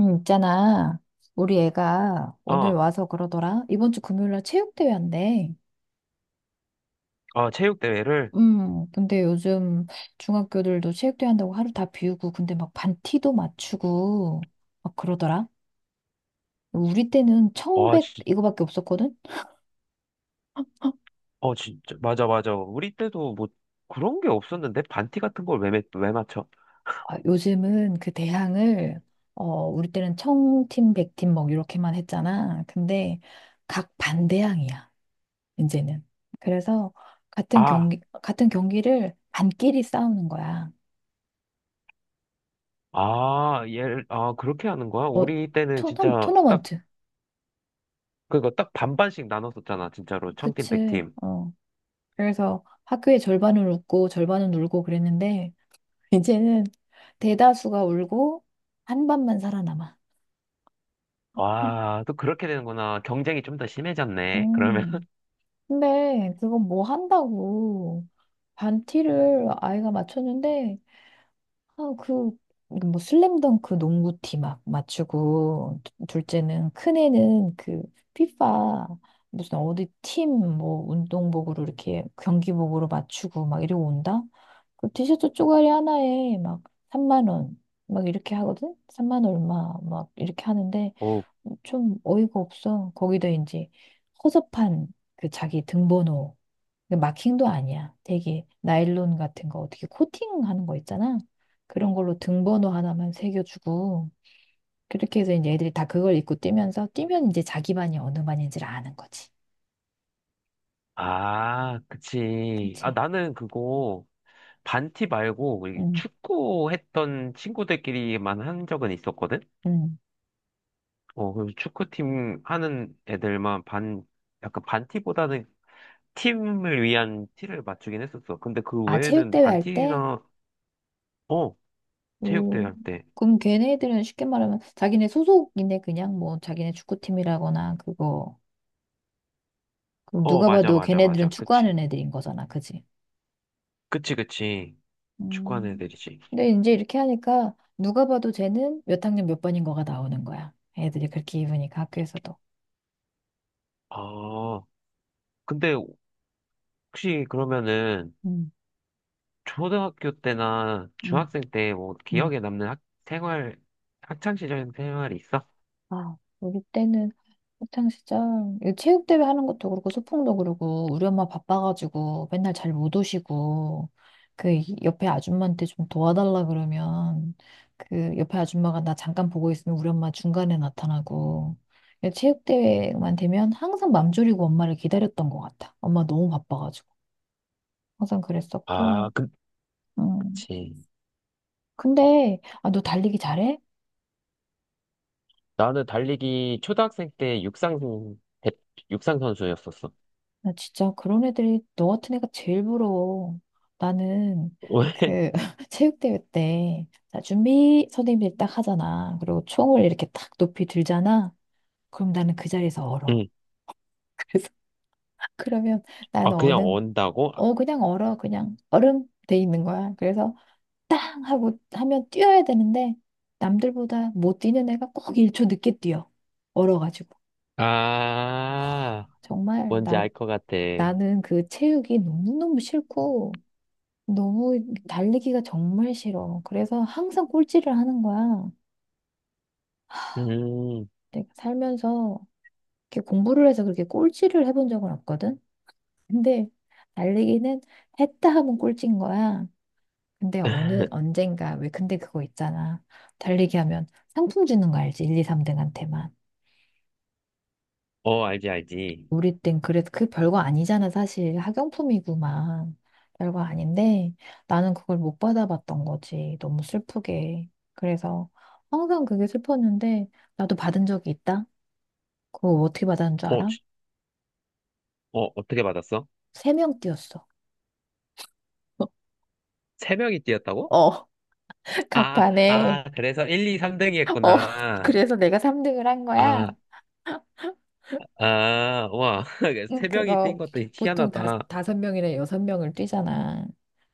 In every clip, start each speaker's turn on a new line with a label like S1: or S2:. S1: 응, 있잖아. 우리 애가 오늘
S2: 아,
S1: 와서 그러더라. 이번 주 금요일 날 체육대회 한대.
S2: 아, 체육대회를?
S1: 근데 요즘 중학교들도 체육대회 한다고 하루 다 비우고, 근데 막 반티도 맞추고, 막 그러더라. 우리 때는
S2: 와,
S1: 청백 이거밖에 없었거든?
S2: 진짜. 맞아, 맞아. 우리 때도 뭐 그런 게 없었는데? 반티 같은 걸 왜 맞춰?
S1: 아, 요즘은 그 대항을, 어, 우리 때는 청팀, 백팀 막 이렇게만 했잖아. 근데 각 반대항이야, 이제는. 그래서 같은
S2: 아,
S1: 경기, 같은 경기를 반끼리 싸우는 거야.
S2: 아, 아, 그렇게 하는 거야?
S1: 어,
S2: 우리 때는 진짜 딱,
S1: 토너먼트.
S2: 그거 딱 반반씩 나눴었잖아. 진짜로. 청팀,
S1: 그치.
S2: 백팀.
S1: 어. 그래서 학교의 절반은 웃고 절반은 울고 그랬는데, 이제는 대다수가 울고 한 반만 살아남아.
S2: 와, 또 그렇게 되는구나. 경쟁이 좀 더 심해졌네. 그러면.
S1: 음. 근데 그건 뭐 한다고. 반티를 아이가 맞췄는데, 아, 그, 뭐, 슬램덩크 농구티 막 맞추고, 둘째는, 큰애는 그, 피파, 무슨 어디 팀, 뭐, 운동복으로 이렇게 경기복으로 맞추고 막 이러고 온다? 그 티셔츠 쪼가리 하나에 막 3만 원, 막 이렇게 하거든? 3만 얼마, 막 이렇게 하는데,
S2: 오.
S1: 좀 어이가 없어. 거기다 이제, 허접한 그 자기 등번호, 그 마킹도 아니야. 되게 나일론 같은 거 어떻게 코팅하는 거 있잖아. 그런 걸로 등번호 하나만 새겨주고 그렇게 해서 이제 애들이 다 그걸 입고 뛰면서 뛰면 이제 자기 반이 어느 반인지를 아는 거지.
S2: 아, 그치. 아,
S1: 그치?
S2: 나는 그거 반티 말고 우리
S1: 응,
S2: 축구 했던 친구들끼리만 한 적은 있었거든?
S1: 응.
S2: 어, 그래서 축구팀 하는 애들만 약간 반티보다는 팀을 위한 티를 맞추긴 했었어. 근데 그
S1: 아,
S2: 외에는
S1: 체육대회 할 때?
S2: 반티나, 어, 체육대회
S1: 오,
S2: 할 때.
S1: 그럼 걔네들은 쉽게 말하면 자기네 소속이네. 그냥 뭐 자기네 축구팀이라거나 그거, 그럼
S2: 어,
S1: 누가
S2: 맞아,
S1: 봐도
S2: 맞아, 맞아.
S1: 걔네들은
S2: 그치.
S1: 축구하는 애들인 거잖아. 그지?
S2: 그치, 그치. 축구하는
S1: 음.
S2: 애들이지.
S1: 근데 이제 이렇게 하니까 누가 봐도 쟤는 몇 학년 몇 번인 거가 나오는 거야. 애들이 그렇게 입으니까 학교에서도.
S2: 아, 근데 혹시 그러면은
S1: 음,
S2: 초등학교 때나
S1: 음,
S2: 중학생 때 뭐
S1: 음.
S2: 기억에 남는 생활, 학창 시절 생활이 있어?
S1: 아, 우리 때는 학창시절 체육대회 하는 것도 그렇고 소풍도 그러고 우리 엄마 바빠가지고 맨날 잘 못 오시고 그 옆에 아줌마한테 좀 도와달라 그러면 그 옆에 아줌마가 나 잠깐 보고 있으면 우리 엄마 중간에 나타나고 체육대회만 되면 항상 맘 졸이고 엄마를 기다렸던 것 같아. 엄마 너무 바빠가지고. 항상
S2: 아,
S1: 그랬었고. 음.
S2: 그치.
S1: 근데 아, 너 달리기 잘해?
S2: 나는 달리기 초등학생 때 대- 육상 선수였었어.
S1: 나 진짜 그런 애들이 너 같은 애가 제일 부러워. 나는
S2: 왜?
S1: 그 체육대회 때 자, 준비 선생님들이 딱 하잖아. 그리고 총을 이렇게 딱 높이 들잖아. 그럼 나는 그 자리에서 얼어.
S2: 응.
S1: 그래서 그러면
S2: 아,
S1: 나는
S2: 그냥
S1: 어는,
S2: 언다고?
S1: 어 그냥 얼어. 그냥 얼음 돼 있는 거야. 그래서 땅 하고 하면 뛰어야 되는데 남들보다 못 뛰는 애가 꼭 1초 늦게 뛰어. 얼어가지고.
S2: 아,
S1: 정말
S2: 뭔지 알 것 같아.
S1: 나는 그 체육이 너무너무 싫고, 너무 달리기가 정말 싫어. 그래서 항상 꼴찌를 하는 거야.
S2: 음,
S1: 내가 살면서 이렇게 공부를 해서 그렇게 꼴찌를 해본 적은 없거든? 근데 달리기는 했다 하면 꼴찌인 거야. 근데 언젠가, 왜 근데 그거 있잖아. 달리기 하면 상품 주는 거 알지? 1, 2, 3등한테만.
S2: 어, 알지, 알지.
S1: 우리 땐 그래도 그 별거 아니잖아, 사실. 학용품이구만. 별거 아닌데 나는 그걸 못 받아봤던 거지. 너무 슬프게. 그래서 항상 그게 슬펐는데 나도 받은 적이 있다. 그거 어떻게 받았는 줄
S2: 어,
S1: 알아?
S2: 어떻게 받았어?
S1: 3명 띄었어.
S2: 세 명이 뛰었다고?
S1: 어,
S2: 아,
S1: 각판에.
S2: 아, 그래서 1, 2, 3등이
S1: 어,
S2: 했구나.
S1: 그래서 내가 3등을 한 거야.
S2: 아, 아, 와. 세 명이 뛴
S1: 그거
S2: 것도
S1: 보통
S2: 희한하다.
S1: 다섯 명이나 여섯 명을 뛰잖아.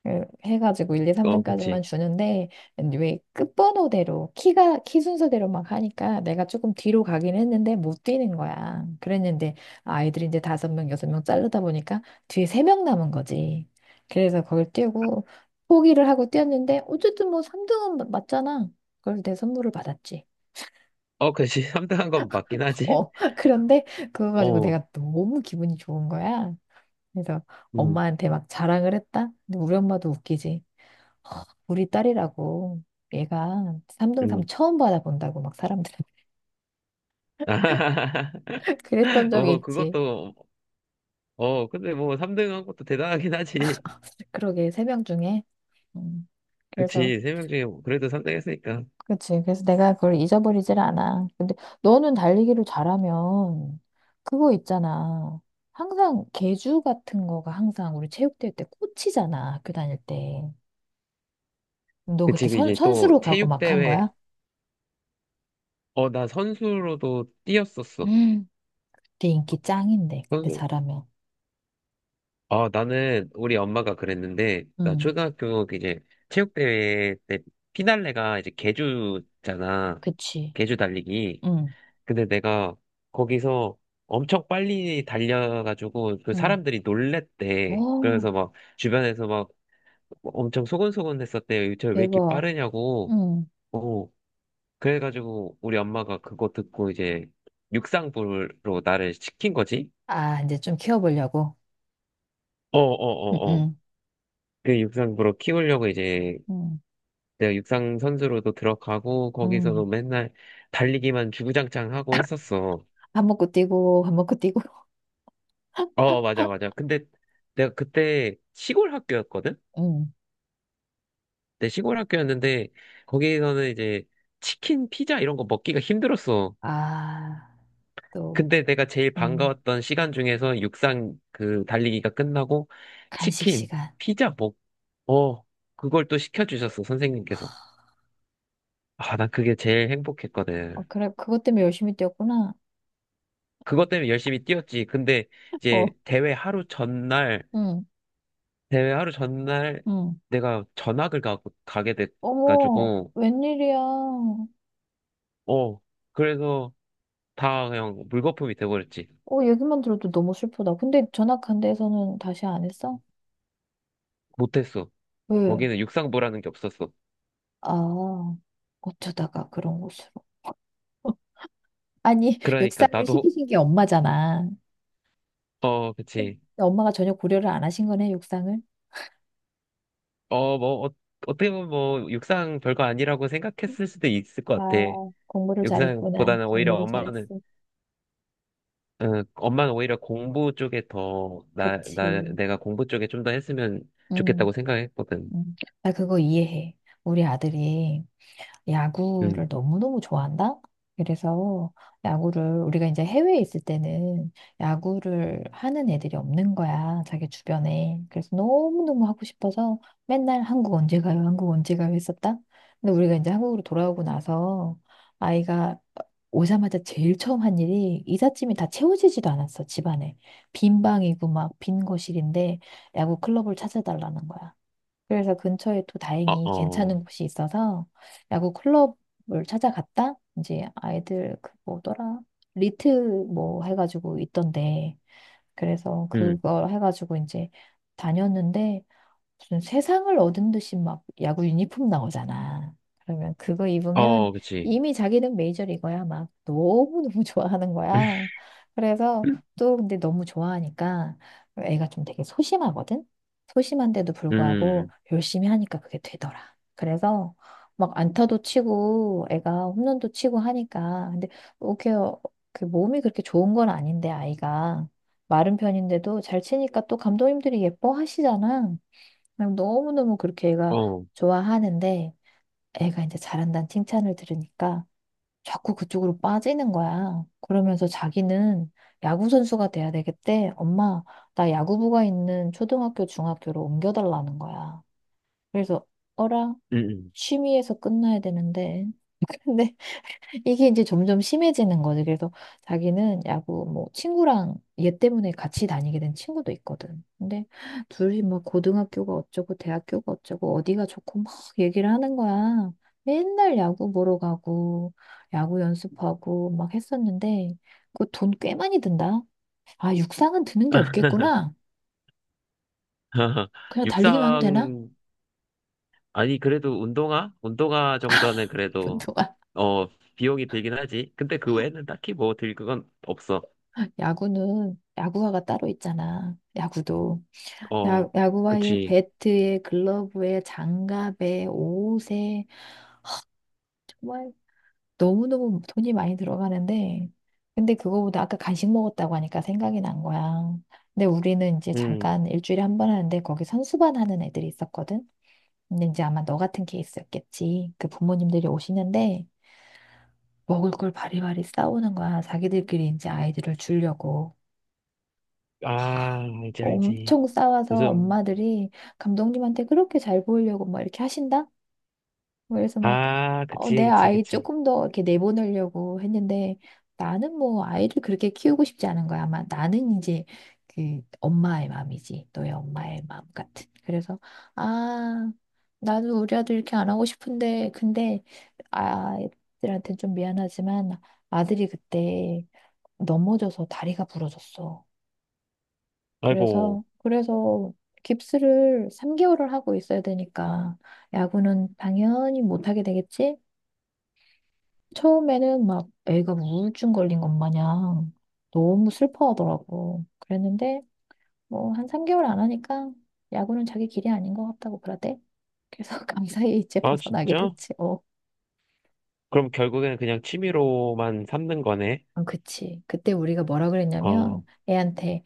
S1: 그 해가지고 1, 2,
S2: 어,
S1: 3등까지만
S2: 그치.
S1: 주는데 왜 끝번호대로 키가 키 순서대로 막 하니까 내가 조금 뒤로 가긴 했는데 못 뛰는 거야. 그랬는데 아이들이 이제 5명, 6명 자르다 보니까 뒤에 3명 남은 거지. 그래서 그걸 뛰고 포기를 하고 뛰었는데 어쨌든 뭐 3등은 맞잖아. 그걸 내 선물을 받았지.
S2: 어, 그치. 3등 한 건 맞긴 하지?
S1: 어, 그런데 그거 가지고
S2: 어,
S1: 내가 너무 기분이 좋은 거야. 그래서
S2: 음,
S1: 엄마한테 막 자랑을 했다? 근데 우리 엄마도 웃기지. 우리 딸이라고 얘가 3등 삼
S2: 음.
S1: 처음 받아본다고 막 사람들 그랬던 적이
S2: 어,
S1: 있지.
S2: 근데 뭐 3등 한 것도 대단하긴 하지.
S1: 그러게 3명 중에. 음, 그래서
S2: 그치, 3명 중에 뭐 그래도 3등 했으니까.
S1: 그치. 그래서 내가 그걸 잊어버리질 않아. 근데 너는 달리기를 잘하면 그거 있잖아. 항상 계주 같은 거가 항상 우리 체육대회 때 꽂히잖아. 학교 다닐 때. 너
S2: 그치,
S1: 그때
S2: 그 이제 또
S1: 선수로 가고 막 한 거야?
S2: 나 선수로도 뛰었었어.
S1: 음. 그때 인기 짱인데 그때
S2: 선수,
S1: 잘하면.
S2: 나는 우리 엄마가 그랬는데, 나
S1: 응,
S2: 초등학교 그 이제 체육대회 때 피날레가 이제 계주잖아.
S1: 그치.
S2: 계주 달리기.
S1: 응,
S2: 근데 내가 거기서 엄청 빨리 달려가지고 그
S1: 응.
S2: 사람들이 놀랬대.
S1: 오,
S2: 그래서 막 주변에서 엄청 소곤소곤했었대요. 유철 왜 이렇게
S1: 대박.
S2: 빠르냐고.
S1: 응.
S2: 어, 그래가지고 우리 엄마가 그거 듣고 이제 육상부로 나를 시킨 거지.
S1: 아, 이제 좀 키워보려고.
S2: 어, 어,
S1: 응,
S2: 어, 어.
S1: 응,
S2: 그 육상부로 키우려고 이제
S1: 응,
S2: 내가 육상 선수로도 들어가고
S1: 응.
S2: 거기서도 맨날 달리기만 주구장창 하고 했었어.
S1: 밥 먹고 뛰고, 밥 먹고 뛰고.
S2: 어, 맞아, 맞아. 근데 내가 그때 시골 학교였거든?
S1: 응.
S2: 내 시골 학교였는데 거기서는 이제 치킨, 피자 이런 거 먹기가 힘들었어.
S1: 아, 또,
S2: 근데 내가 제일
S1: 응.
S2: 반가웠던 시간 중에서 육상 그 달리기가 끝나고
S1: 간식
S2: 치킨,
S1: 시간.
S2: 피자 어, 그걸 또 시켜주셨어, 선생님께서. 아, 난 그게 제일
S1: 어,
S2: 행복했거든.
S1: 그래, 그것 때문에 열심히 뛰었구나.
S2: 그것 때문에 열심히 뛰었지. 근데 이제
S1: 어,
S2: 대회 하루 전날,
S1: 응,
S2: 대회 하루 전날
S1: 응.
S2: 내가 전학을 가게
S1: 어머,
S2: 돼가지고,
S1: 웬일이야. 어,
S2: 어, 그래서 다 그냥 물거품이 돼버렸지.
S1: 얘기만 들어도 너무 슬프다. 근데 전학한 데에서는 다시 안 했어?
S2: 못했어.
S1: 왜?
S2: 거기는 육상부라는 게 없었어.
S1: 아, 어쩌다가 그런 곳으로. 아니,
S2: 그러니까
S1: 육상을
S2: 나도,
S1: 시키신 게 엄마잖아.
S2: 어,
S1: 근데
S2: 그치.
S1: 엄마가 전혀 고려를 안 하신 거네, 육상을.
S2: 어, 뭐, 어떻게 보면 뭐, 육상 별거 아니라고 생각했을 수도 있을 것 같아.
S1: 아, 공부를 잘했구나.
S2: 육상보다는 오히려
S1: 공부를 잘했어.
S2: 어, 엄마는 오히려 공부 쪽에 더,
S1: 그치.
S2: 내가 공부 쪽에 좀 더 했으면
S1: 응,
S2: 좋겠다고 생각했거든.
S1: 응. 나 그거 이해해. 우리 아들이 야구를
S2: 음,
S1: 너무너무 좋아한다? 그래서 야구를 우리가 이제 해외에 있을 때는 야구를 하는 애들이 없는 거야, 자기 주변에. 그래서 너무너무 하고 싶어서 맨날 한국 언제 가요, 한국 언제 가요 했었다. 근데 우리가 이제 한국으로 돌아오고 나서 아이가 오자마자 제일 처음 한 일이 이삿짐이 다 채워지지도 않았어, 집안에. 빈 방이고 막 빈 거실인데 야구 클럽을 찾아달라는 거야. 그래서 근처에 또
S2: 어,
S1: 다행히
S2: 어,
S1: 괜찮은 곳이 있어서 야구 클럽을 찾아갔다. 이제 아이들 그 뭐더라? 리트 뭐 해가지고 있던데. 그래서
S2: 음,
S1: 그걸 해가지고 이제 다녔는데 무슨 세상을 얻은 듯이 막 야구 유니폼 나오잖아. 그러면 그거 입으면
S2: 어, 그치.
S1: 이미 자기는 메이저리거야. 막 너무너무 좋아하는 거야. 그래서 또 근데 너무 좋아하니까 애가 좀 되게 소심하거든? 소심한데도 불구하고
S2: 음,
S1: 열심히 하니까 그게 되더라. 그래서 막 안타도 치고 애가 홈런도 치고 하니까. 근데 그게 그 몸이 그렇게 좋은 건 아닌데 아이가 마른 편인데도 잘 치니까 또 감독님들이 예뻐하시잖아. 그냥 너무너무 그렇게 애가
S2: 어,
S1: 좋아하는데 애가 이제 잘한다는 칭찬을 들으니까 자꾸 그쪽으로 빠지는 거야. 그러면서 자기는 야구선수가 돼야 되겠대. 엄마, 나 야구부가 있는 초등학교, 중학교로 옮겨달라는 거야. 그래서 어라?
S2: 음.
S1: 취미에서 끝나야 되는데. 근데 이게 이제 점점 심해지는 거지. 그래서 자기는 야구 뭐 친구랑, 얘 때문에 같이 다니게 된 친구도 있거든. 근데 둘이 막 고등학교가 어쩌고 대학교가 어쩌고 어디가 좋고 막 얘기를 하는 거야. 맨날 야구 보러 가고 야구 연습하고 막 했었는데 그 돈 꽤 많이 든다. 아, 육상은 드는 게 없겠구나. 그냥 달리기만 하면 되나?
S2: 육상, 아니, 그래도 운동화? 운동화 정도는 그래도,
S1: 그동안
S2: 어, 비용이 들긴 하지. 근데 그 외에는 딱히 뭐 들 그건 없어.
S1: 야구는 야구화가 따로 있잖아. 야구도.
S2: 어,
S1: 야구화에
S2: 그치.
S1: 배트에 글러브에 장갑에 옷에, 정말 너무너무 돈이 많이 들어가는데. 근데 그거보다 아까 간식 먹었다고 하니까 생각이 난 거야. 근데 우리는 이제
S2: 음,
S1: 잠깐 일주일에 한 번 하는데 거기 선수반 하는 애들이 있었거든. 근데 이제 아마 너 같은 케이스였겠지. 그 부모님들이 오시는데 먹을 걸 바리바리 싸우는 거야. 자기들끼리 이제 아이들을 주려고.
S2: 아, 알지, 알지.
S1: 엄청 싸워서
S2: 요즘,
S1: 엄마들이 감독님한테 그렇게 잘 보이려고 막 이렇게 하신다? 그래서 막,
S2: 아,
S1: 어,
S2: 그치,
S1: 내
S2: 그치,
S1: 아이
S2: 그치.
S1: 조금 더 이렇게 내보내려고 했는데, 나는 뭐 아이를 그렇게 키우고 싶지 않은 거야. 아마 나는 이제 그 엄마의 마음이지. 너의 엄마의 마음 같은. 그래서, 아, 나도 우리 아들 이렇게 안 하고 싶은데, 근데 아이들한테 좀 미안하지만 아들이 그때 넘어져서 다리가 부러졌어.
S2: 아이고.
S1: 그래서, 그래서 깁스를 3개월을 하고 있어야 되니까 야구는 당연히 못하게 되겠지? 처음에는 막 애가 우울증 걸린 것 마냥 너무 슬퍼하더라고. 그랬는데 뭐 한 3개월 안 하니까 야구는 자기 길이 아닌 것 같다고 그러대. 그래서 강사에 이제
S2: 아,
S1: 벗어나게
S2: 진짜?
S1: 됐지. 어,
S2: 그럼 결국에는 그냥 취미로만 삼는 거네?
S1: 어, 그치. 그때 우리가 뭐라 그랬냐면
S2: 어,
S1: 애한테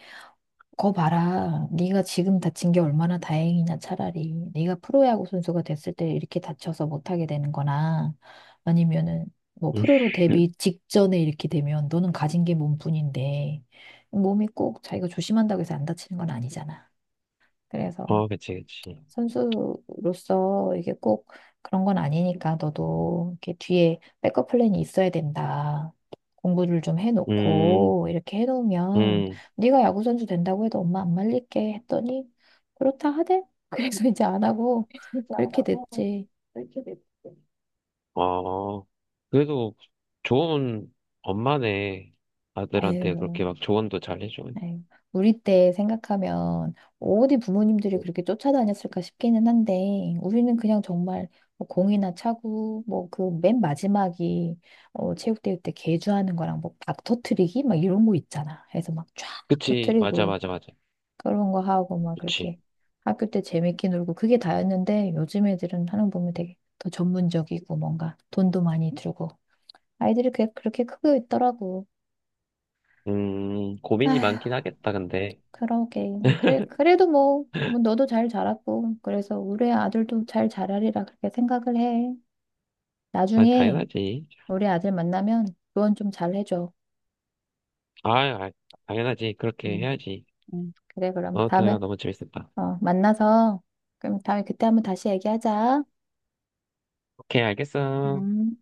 S1: 거 봐라. 네가 지금 다친 게 얼마나 다행이냐, 차라리. 네가 프로야구 선수가 됐을 때 이렇게 다쳐서 못하게 되는 거나, 아니면은, 뭐, 프로로
S2: 음,
S1: 데뷔 직전에 이렇게 되면 너는 가진 게 몸뿐인데, 몸이 꼭 자기가 조심한다고 해서 안 다치는 건 아니잖아. 그래서
S2: 어, 그치, 그치.
S1: 선수로서 이게 꼭 그런 건 아니니까 너도 이렇게 뒤에 백업 플랜이 있어야 된다. 공부를 좀
S2: 음,
S1: 해놓고 이렇게 해놓으면
S2: 음,
S1: 네가 야구 선수 된다고 해도 엄마 안 말릴게 했더니 그렇다 하대. 그래서 이제 안 하고
S2: 그
S1: 그렇게
S2: 렇고
S1: 됐지.
S2: 이렇게 됐어. 어, 그래도 좋은 엄마네. 아들한테 그렇게
S1: 에휴.
S2: 막 조언도 잘 해줘.
S1: 네. 우리 때 생각하면 어디 부모님들이 그렇게 쫓아다녔을까 싶기는 한데 우리는 그냥 정말 뭐 공이나 차고 뭐 그 맨 마지막이 어, 체육대회 때 개주하는 거랑 뭐 박 터트리기 막 이런 거 있잖아. 그래서 막 쫙
S2: 그치, 맞아,
S1: 터트리고
S2: 맞아, 맞아.
S1: 그런 거 하고 막
S2: 그치.
S1: 그렇게 학교 때 재밌게 놀고 그게 다였는데 요즘 애들은 하는 거 보면 되게 더 전문적이고 뭔가 돈도 많이 들고 아이들이 그게 그렇게 크고 있더라고.
S2: 고민이
S1: 아휴,
S2: 많긴 하겠다, 근데.
S1: 그러게. 그래, 그래도 뭐, 뭐 너도 잘 자랐고, 그래서 우리 아들도 잘 자라리라 그렇게 생각을 해.
S2: 아,
S1: 나중에
S2: 당연하지.
S1: 우리 아들 만나면 조언 좀 잘 해줘.
S2: 아, 아, 당연하지. 그렇게
S1: 응,
S2: 해야지.
S1: 응. 그래, 그럼
S2: 어,
S1: 다음에,
S2: 대화 너무 재밌었다.
S1: 어, 만나서, 그럼 다음에 그때 한번 다시 얘기하자.
S2: 오케이, 알겠어.
S1: 음.